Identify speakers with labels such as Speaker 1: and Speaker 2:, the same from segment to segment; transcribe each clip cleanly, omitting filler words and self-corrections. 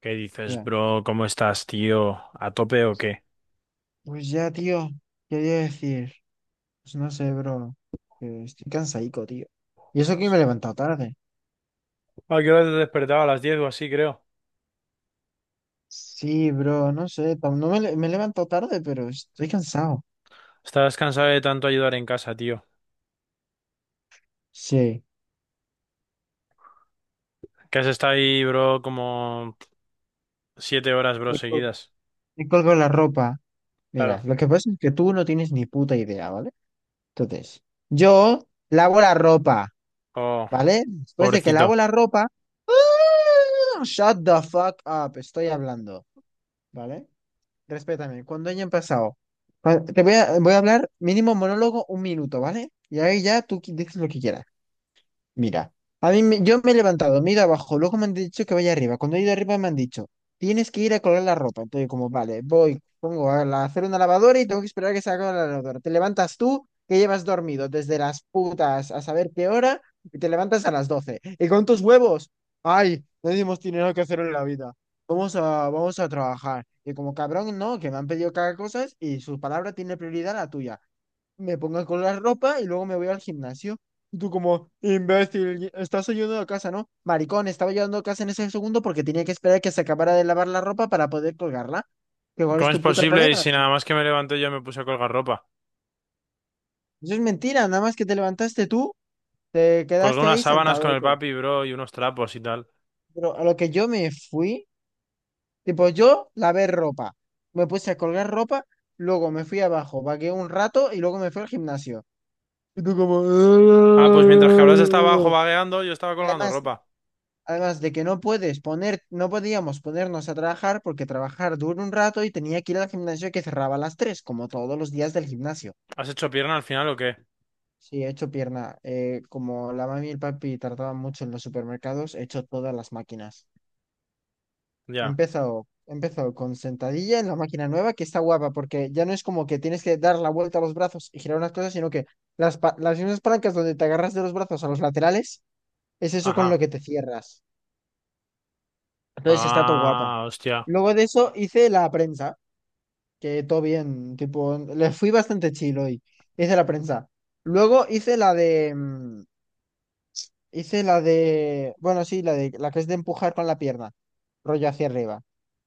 Speaker 1: ¿Qué dices,
Speaker 2: Ya.
Speaker 1: bro? ¿Cómo estás, tío? ¿A tope o qué?
Speaker 2: Pues ya, tío, quería decir, pues no sé, bro, que estoy cansadico, tío. Y eso que me he levantado tarde.
Speaker 1: ¿A qué hora te has despertado? A las 10 o así, creo.
Speaker 2: Sí, bro, no sé, tam- no me, le- me he levantado tarde, pero estoy cansado.
Speaker 1: ¿Estás cansado de tanto ayudar en casa, tío?
Speaker 2: Sí,
Speaker 1: Que has estado ahí, bro, como 7 horas, bro,
Speaker 2: me, col-
Speaker 1: seguidas.
Speaker 2: me colgo la ropa. Mira,
Speaker 1: Claro.
Speaker 2: lo que pasa es que tú no tienes ni puta idea, ¿vale? Entonces, yo lavo la ropa,
Speaker 1: Oh,
Speaker 2: ¿vale? Después de que lavo
Speaker 1: pobrecito.
Speaker 2: la ropa, ¡ah! Shut the fuck up, estoy hablando, ¿vale? Respétame, cuando hayan pasado, voy a hablar mínimo monólogo un minuto, ¿vale? Y ahí ya tú dices lo que quieras. Mira, yo me he levantado, me he ido abajo, luego me han dicho que vaya arriba. Cuando he ido arriba me han dicho, tienes que ir a colgar la ropa. Entonces, como, vale, voy, pongo a hacer una lavadora y tengo que esperar a que se haga la lavadora. Te levantas tú, que llevas dormido desde las putas a saber qué hora, y te levantas a las 12:00. Y con tus huevos, ay, no tenemos dinero que hacer en la vida. Vamos a, vamos a trabajar. Y como cabrón, no, que me han pedido cada cosa y su palabra tiene prioridad a la tuya, me pongo a la ropa y luego me voy al gimnasio. Y tú como, imbécil, estás ayudando a casa, ¿no? Maricón, estaba ayudando a casa en ese segundo porque tenía que esperar que se acabara de lavar la ropa para poder colgarla. Que cuál es
Speaker 1: ¿Cómo es
Speaker 2: tu puto
Speaker 1: posible? Y
Speaker 2: problema.
Speaker 1: si
Speaker 2: Eso
Speaker 1: nada más que me levanté yo me puse a colgar ropa.
Speaker 2: es mentira, nada más que te levantaste tú, te
Speaker 1: Colgué
Speaker 2: quedaste
Speaker 1: unas
Speaker 2: ahí
Speaker 1: sábanas con el
Speaker 2: sentadote.
Speaker 1: papi, bro, y unos trapos y tal.
Speaker 2: Pero a lo que yo me fui, tipo, yo lavé ropa, me puse a colgar ropa, luego me fui abajo, vagué un rato y luego me fui al gimnasio. Y tú como...
Speaker 1: Ah, pues mientras que habrás estado abajo vagueando, yo estaba colgando
Speaker 2: Además,
Speaker 1: ropa.
Speaker 2: Además de que no puedes poner, no podíamos ponernos a trabajar porque trabajar dura un rato y tenía que ir al gimnasio que cerraba a las 3:00 como todos los días del gimnasio.
Speaker 1: ¿Has hecho pierna al final o qué?
Speaker 2: Sí, he hecho pierna. Como la mami y el papi tardaban mucho en los supermercados, he hecho todas las máquinas. He
Speaker 1: Ya.
Speaker 2: empezado, he empezado con sentadilla en la máquina nueva, que está guapa, porque ya no es como que tienes que dar la vuelta a los brazos y girar unas cosas, sino que las mismas palancas donde te agarras de los brazos a los laterales, es eso con lo
Speaker 1: Ajá.
Speaker 2: que te cierras. Entonces está todo guapa.
Speaker 1: Ah, hostia.
Speaker 2: Luego de eso hice la prensa, que todo bien, tipo, le fui bastante chill hoy. Hice la prensa. Luego hice la que es de empujar con la pierna, rollo hacia arriba.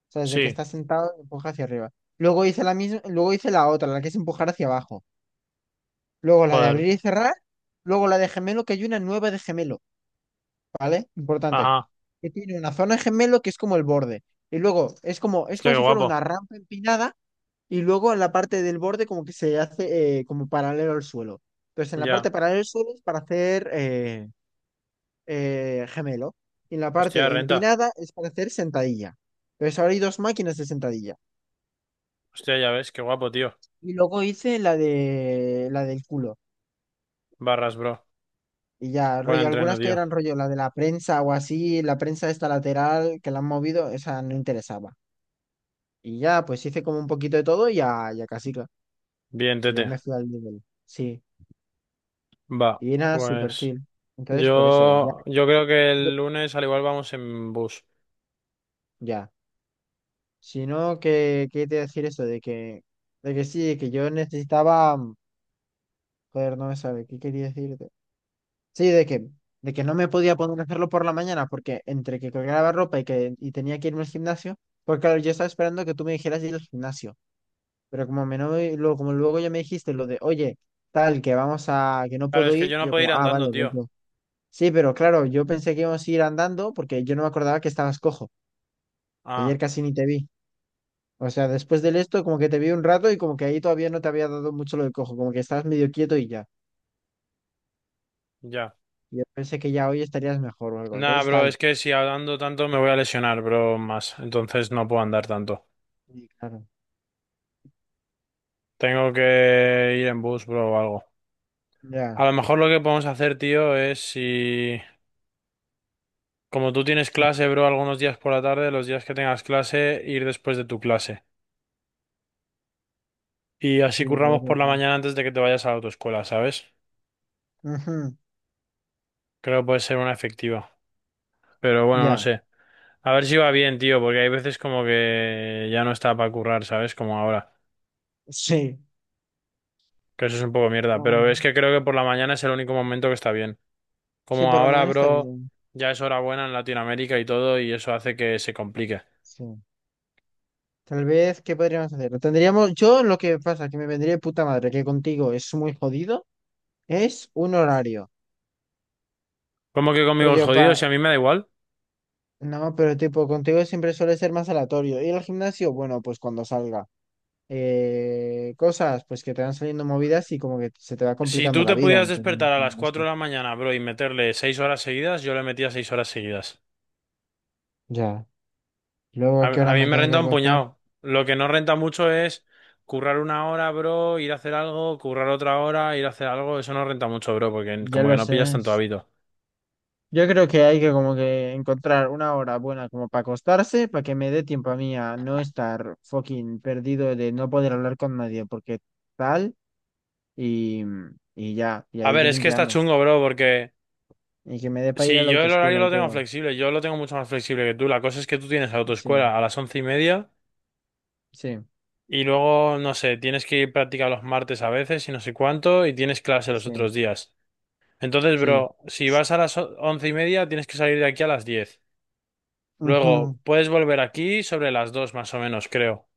Speaker 2: O sea, desde que
Speaker 1: Sí.
Speaker 2: estás sentado, empuja hacia arriba. Luego hice la otra, la que es empujar hacia abajo. Luego la de
Speaker 1: Joder.
Speaker 2: abrir y cerrar. Luego la de gemelo, que hay una nueva de gemelo, ¿vale? Importante.
Speaker 1: Ajá.
Speaker 2: Que tiene una zona de gemelo que es como el borde. Y luego es
Speaker 1: Hostia,
Speaker 2: como
Speaker 1: qué
Speaker 2: si fuera
Speaker 1: guapo.
Speaker 2: una rampa empinada y luego en la parte del borde como que se hace como paralelo al suelo. Entonces en la parte
Speaker 1: Ya.
Speaker 2: paralela al suelo es para hacer gemelo y en la
Speaker 1: Hostia,
Speaker 2: parte
Speaker 1: renta.
Speaker 2: empinada es para hacer sentadilla. Entonces ahora hay dos máquinas de sentadilla.
Speaker 1: Hostia, ya ves, qué guapo, tío.
Speaker 2: Y luego hice la de la del culo.
Speaker 1: Barras, bro.
Speaker 2: Y ya,
Speaker 1: Buen
Speaker 2: rollo,
Speaker 1: entreno,
Speaker 2: algunas que
Speaker 1: tío.
Speaker 2: eran rollo, la de la prensa o así, la prensa esta lateral que la han movido, esa no interesaba. Y ya, pues hice como un poquito de todo y ya, ya casi.
Speaker 1: Bien,
Speaker 2: Y ahí
Speaker 1: tete.
Speaker 2: me fui al nivel. Sí.
Speaker 1: Va.
Speaker 2: Y era súper
Speaker 1: Pues
Speaker 2: chill. Entonces, por eso, ya.
Speaker 1: yo creo que el lunes al igual vamos en bus.
Speaker 2: Ya. Sino que, ¿qué te iba a decir eso? De que yo necesitaba, joder, no me sabe, ¿qué quería decirte? Sí, de que no me podía poner a hacerlo por la mañana, porque entre que colgaba ropa y tenía que irme al gimnasio, porque claro, yo estaba esperando que tú me dijeras de ir al gimnasio, pero como me no, luego, como luego ya me dijiste lo de, oye, tal, que no
Speaker 1: Claro,
Speaker 2: puedo
Speaker 1: es que
Speaker 2: ir,
Speaker 1: yo no
Speaker 2: yo
Speaker 1: puedo ir
Speaker 2: como, ah,
Speaker 1: andando,
Speaker 2: vale, voy
Speaker 1: tío.
Speaker 2: yo. Sí, pero claro, yo pensé que íbamos a ir andando, porque yo no me acordaba que estabas cojo, ayer
Speaker 1: Ah,
Speaker 2: casi ni te vi. O sea, después del esto, como que te vi un rato y como que ahí todavía no te había dado mucho lo de cojo, como que estabas medio quieto y ya.
Speaker 1: ya.
Speaker 2: Yo pensé que ya hoy estarías mejor o algo.
Speaker 1: Nah,
Speaker 2: Entonces
Speaker 1: bro,
Speaker 2: tal.
Speaker 1: es que si andando tanto me voy a lesionar, bro, más. Entonces no puedo andar tanto.
Speaker 2: Sí, claro.
Speaker 1: Tengo que ir en bus, bro, o algo.
Speaker 2: Ya.
Speaker 1: A lo mejor lo que podemos hacer, tío, es si... Como tú tienes clase, bro, algunos días por la tarde, los días que tengas clase, ir después de tu clase. Y así
Speaker 2: Sí,
Speaker 1: curramos
Speaker 2: podría
Speaker 1: por la
Speaker 2: ser.
Speaker 1: mañana antes de que te vayas a la autoescuela, ¿sabes?
Speaker 2: Ujú.
Speaker 1: Creo que puede ser una efectiva. Pero bueno, no
Speaker 2: Ya.
Speaker 1: sé. A ver si va bien, tío, porque hay veces como que ya no está para currar, ¿sabes? Como ahora.
Speaker 2: Sí.
Speaker 1: Que eso es un poco mierda. Pero es
Speaker 2: Mm.
Speaker 1: que creo que por la mañana es el único momento que está bien.
Speaker 2: Sí,
Speaker 1: Como
Speaker 2: por la
Speaker 1: ahora,
Speaker 2: mañana está
Speaker 1: bro,
Speaker 2: bien.
Speaker 1: ya es hora buena en Latinoamérica y todo, y eso hace que se complique.
Speaker 2: Sí. Tal vez, ¿qué podríamos hacer? Tendríamos, yo lo que pasa, que me vendría de puta madre, que contigo es muy jodido, es un horario.
Speaker 1: Como que
Speaker 2: Pero
Speaker 1: conmigo es
Speaker 2: yo pa...
Speaker 1: jodido, si a mí me da igual.
Speaker 2: No, pero tipo, contigo siempre suele ser más aleatorio. Ir al gimnasio, bueno, pues cuando salga, cosas pues que te van saliendo movidas y como que se te va
Speaker 1: Si
Speaker 2: complicando
Speaker 1: tú
Speaker 2: la
Speaker 1: te
Speaker 2: vida.
Speaker 1: pudieras
Speaker 2: Entonces,
Speaker 1: despertar a las
Speaker 2: no
Speaker 1: 4
Speaker 2: sé.
Speaker 1: de la mañana, bro, y meterle 6 horas seguidas, yo le metía 6 horas seguidas.
Speaker 2: Ya. Luego,
Speaker 1: A,
Speaker 2: ¿a qué
Speaker 1: a
Speaker 2: hora
Speaker 1: mí
Speaker 2: me
Speaker 1: me
Speaker 2: tengo que
Speaker 1: renta un
Speaker 2: acostar?
Speaker 1: puñado. Lo que no renta mucho es currar una hora, bro, ir a hacer algo, currar otra hora, ir a hacer algo. Eso no renta mucho, bro, porque
Speaker 2: Ya
Speaker 1: como que
Speaker 2: lo
Speaker 1: no pillas
Speaker 2: sé.
Speaker 1: tanto hábito.
Speaker 2: Yo creo que hay que como que encontrar una hora buena como para acostarse, para que me dé tiempo a mí a no estar fucking perdido de no poder hablar con nadie, porque tal y, y ya, y
Speaker 1: A
Speaker 2: ahí
Speaker 1: ver, es que está
Speaker 2: grindeamos.
Speaker 1: chungo, bro, porque
Speaker 2: Y que me dé para ir a
Speaker 1: si
Speaker 2: la
Speaker 1: yo el horario
Speaker 2: autoescuela y
Speaker 1: lo tengo
Speaker 2: todo.
Speaker 1: flexible, yo lo tengo mucho más flexible que tú. La cosa es que tú tienes
Speaker 2: Sí,
Speaker 1: autoescuela a las 11:30
Speaker 2: sí,
Speaker 1: y luego, no sé, tienes que ir práctica los martes a veces y no sé cuánto y tienes clase los
Speaker 2: sí,
Speaker 1: otros días. Entonces,
Speaker 2: sí.
Speaker 1: bro, si vas a las 11:30, tienes que salir de aquí a las 10. Luego,
Speaker 2: Ujú,
Speaker 1: puedes volver aquí sobre las 2, más o menos, creo.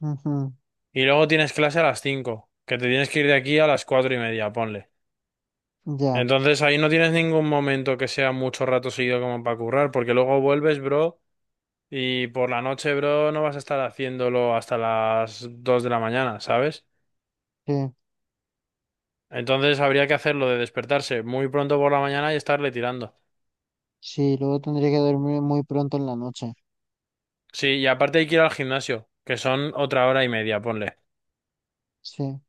Speaker 2: ujú,
Speaker 1: Y luego tienes clase a las 5, que te tienes que ir de aquí a las 4:30, ponle.
Speaker 2: ya,
Speaker 1: Entonces, ahí no tienes ningún momento que sea mucho rato seguido como para currar, porque luego vuelves, bro, y por la noche, bro, no vas a estar haciéndolo hasta las 2 de la mañana, ¿sabes?
Speaker 2: sí.
Speaker 1: Entonces, habría que hacerlo de despertarse muy pronto por la mañana y estarle tirando.
Speaker 2: Sí, luego tendría que dormir muy pronto en la noche.
Speaker 1: Sí, y aparte hay que ir al gimnasio, que son otra hora y media, ponle.
Speaker 2: Sí,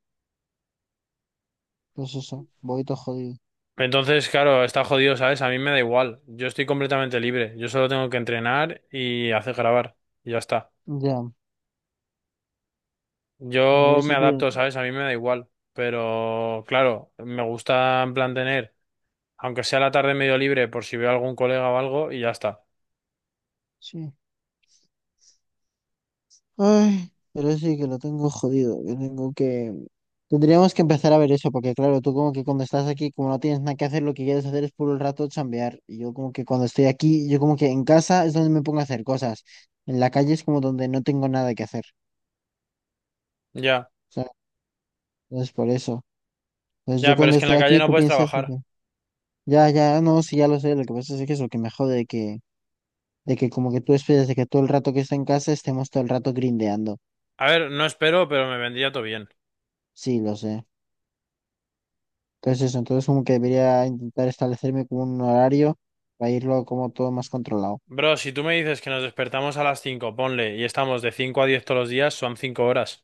Speaker 2: pues eso, voy todo jodido.
Speaker 1: Entonces, claro, está jodido, ¿sabes? A mí me da igual. Yo estoy completamente libre. Yo solo tengo que entrenar y hacer grabar. Y ya está.
Speaker 2: Ya, pero
Speaker 1: Yo me
Speaker 2: eso tiene,
Speaker 1: adapto, ¿sabes? A mí me da igual. Pero, claro, me gusta en plan tener, aunque sea la tarde medio libre, por si veo a algún colega o algo, y ya está.
Speaker 2: sí. Ay, pero sí que lo tengo jodido, que tengo que... Tendríamos que empezar a ver eso, porque claro, tú como que cuando estás aquí, como no tienes nada que hacer, lo que quieres hacer es puro el rato chambear. Y yo como que cuando estoy aquí, yo como que en casa es donde me pongo a hacer cosas. En la calle es como donde no tengo nada que hacer.
Speaker 1: Ya,
Speaker 2: ¿Sabes? Entonces por eso. Entonces yo
Speaker 1: ya, pero
Speaker 2: cuando
Speaker 1: es que en
Speaker 2: estoy
Speaker 1: la calle
Speaker 2: aquí,
Speaker 1: no
Speaker 2: tú
Speaker 1: puedes
Speaker 2: piensas de
Speaker 1: trabajar.
Speaker 2: que... Ya, ya, no, sí, ya lo sé. Lo que pasa es que eso, que me jode que... De que como que tú esperas de que todo el rato que está en casa estemos todo el rato grindeando.
Speaker 1: A ver, no espero, pero me vendría todo bien.
Speaker 2: Sí, lo sé. Entonces eso, entonces como que debería intentar establecerme como un horario para irlo como todo más controlado.
Speaker 1: Bro, si tú me dices que nos despertamos a las 5, ponle, y estamos de 5 a 10 todos los días, son 5 horas.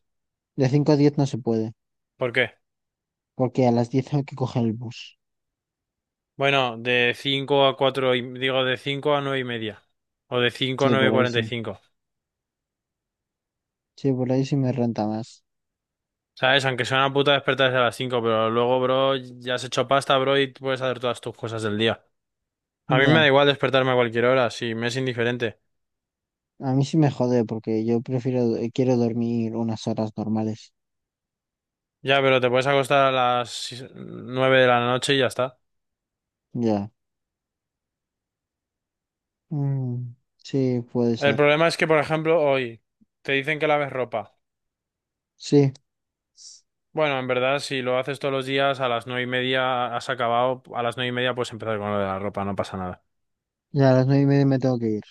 Speaker 2: De 5:00 a 10:00 no se puede,
Speaker 1: ¿Por qué?
Speaker 2: porque a las 10:00 tengo que coger el bus.
Speaker 1: Bueno, de 5 a 4 y, digo, de 5 a 9:30. O de 5 a
Speaker 2: Sí,
Speaker 1: 9
Speaker 2: por
Speaker 1: y
Speaker 2: ahí
Speaker 1: cuarenta y
Speaker 2: sí.
Speaker 1: cinco.
Speaker 2: Sí, por ahí sí me renta más.
Speaker 1: ¿Sabes? Aunque sea una puta despertarse a las 5, pero luego, bro, ya has hecho pasta, bro, y puedes hacer todas tus cosas del día. A mí me da
Speaker 2: Ya,
Speaker 1: igual despertarme a cualquier hora, si me es indiferente.
Speaker 2: a mí sí me jode porque yo prefiero, quiero dormir unas horas normales.
Speaker 1: Ya, pero te puedes acostar a las 9 de la noche y ya está.
Speaker 2: Ya. Mm, sí, puede
Speaker 1: El
Speaker 2: ser.
Speaker 1: problema es que, por ejemplo, hoy te dicen que laves ropa.
Speaker 2: Sí,
Speaker 1: Bueno, en verdad, si lo haces todos los días, a las 9:30 has acabado, a las 9:30 puedes empezar con lo de la ropa, no pasa nada.
Speaker 2: ya a las 9:30 me tengo que ir.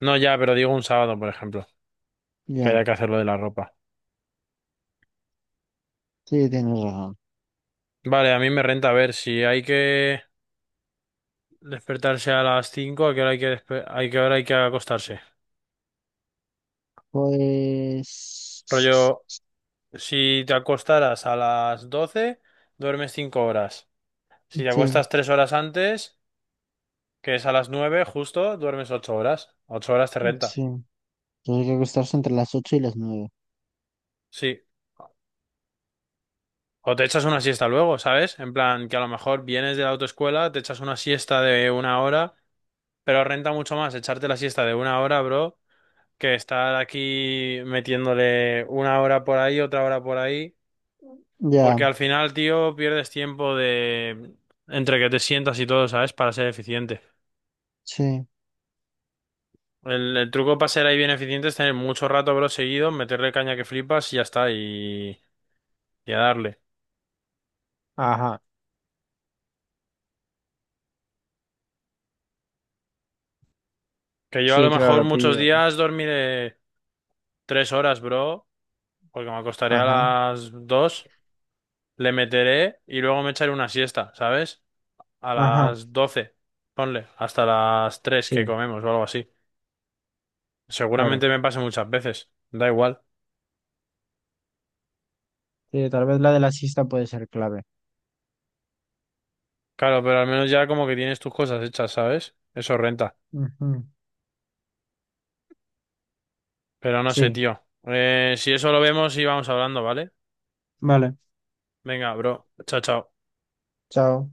Speaker 1: No, ya, pero digo un sábado, por ejemplo. Que
Speaker 2: Ya,
Speaker 1: haya que hacer lo de la ropa.
Speaker 2: sí, tienes razón.
Speaker 1: Vale, a mí me renta a ver si hay que despertarse a las 5, a qué hora hay que, despe- hay que, hora hay que acostarse.
Speaker 2: Pues
Speaker 1: Rollo, si te acostaras a las 12 duermes 5 horas. Si te
Speaker 2: sí,
Speaker 1: acuestas 3 horas antes, que es a las 9 justo, duermes 8 horas. 8 horas te renta.
Speaker 2: sí. Tendría que acostarse entre las 8:00 y las 9:00.
Speaker 1: Sí. O te echas una siesta luego, ¿sabes? En plan, que a lo mejor vienes de la autoescuela, te echas una siesta de una hora, pero renta mucho más echarte la siesta de una hora, bro que estar aquí metiéndole una hora por ahí, otra hora por ahí, porque
Speaker 2: Ya,
Speaker 1: al final, tío, pierdes tiempo de entre que te sientas y todo, ¿sabes? Para ser eficiente.
Speaker 2: sí.
Speaker 1: El truco para ser ahí bien eficiente es tener mucho rato, bro, seguido, meterle caña que flipas y ya está, y a darle.
Speaker 2: Ajá,
Speaker 1: Que yo a
Speaker 2: sí,
Speaker 1: lo mejor
Speaker 2: claro,
Speaker 1: muchos
Speaker 2: pillo.
Speaker 1: días dormiré 3 horas, bro, porque me acostaré a
Speaker 2: Ajá,
Speaker 1: las 2, le meteré y luego me echaré una siesta, ¿sabes? A
Speaker 2: ajá,
Speaker 1: las doce, ponle, hasta las 3 que
Speaker 2: sí,
Speaker 1: comemos o algo así.
Speaker 2: claro.
Speaker 1: Seguramente me pase muchas veces, da igual.
Speaker 2: Sí, tal vez la de la siesta puede ser clave.
Speaker 1: Claro, pero al menos ya como que tienes tus cosas hechas, ¿sabes? Eso renta.
Speaker 2: Ujú.
Speaker 1: Pero no sé,
Speaker 2: Sí,
Speaker 1: tío. Si eso lo vemos, y vamos hablando, ¿vale?
Speaker 2: vale,
Speaker 1: Venga, bro. Chao, chao.
Speaker 2: chao.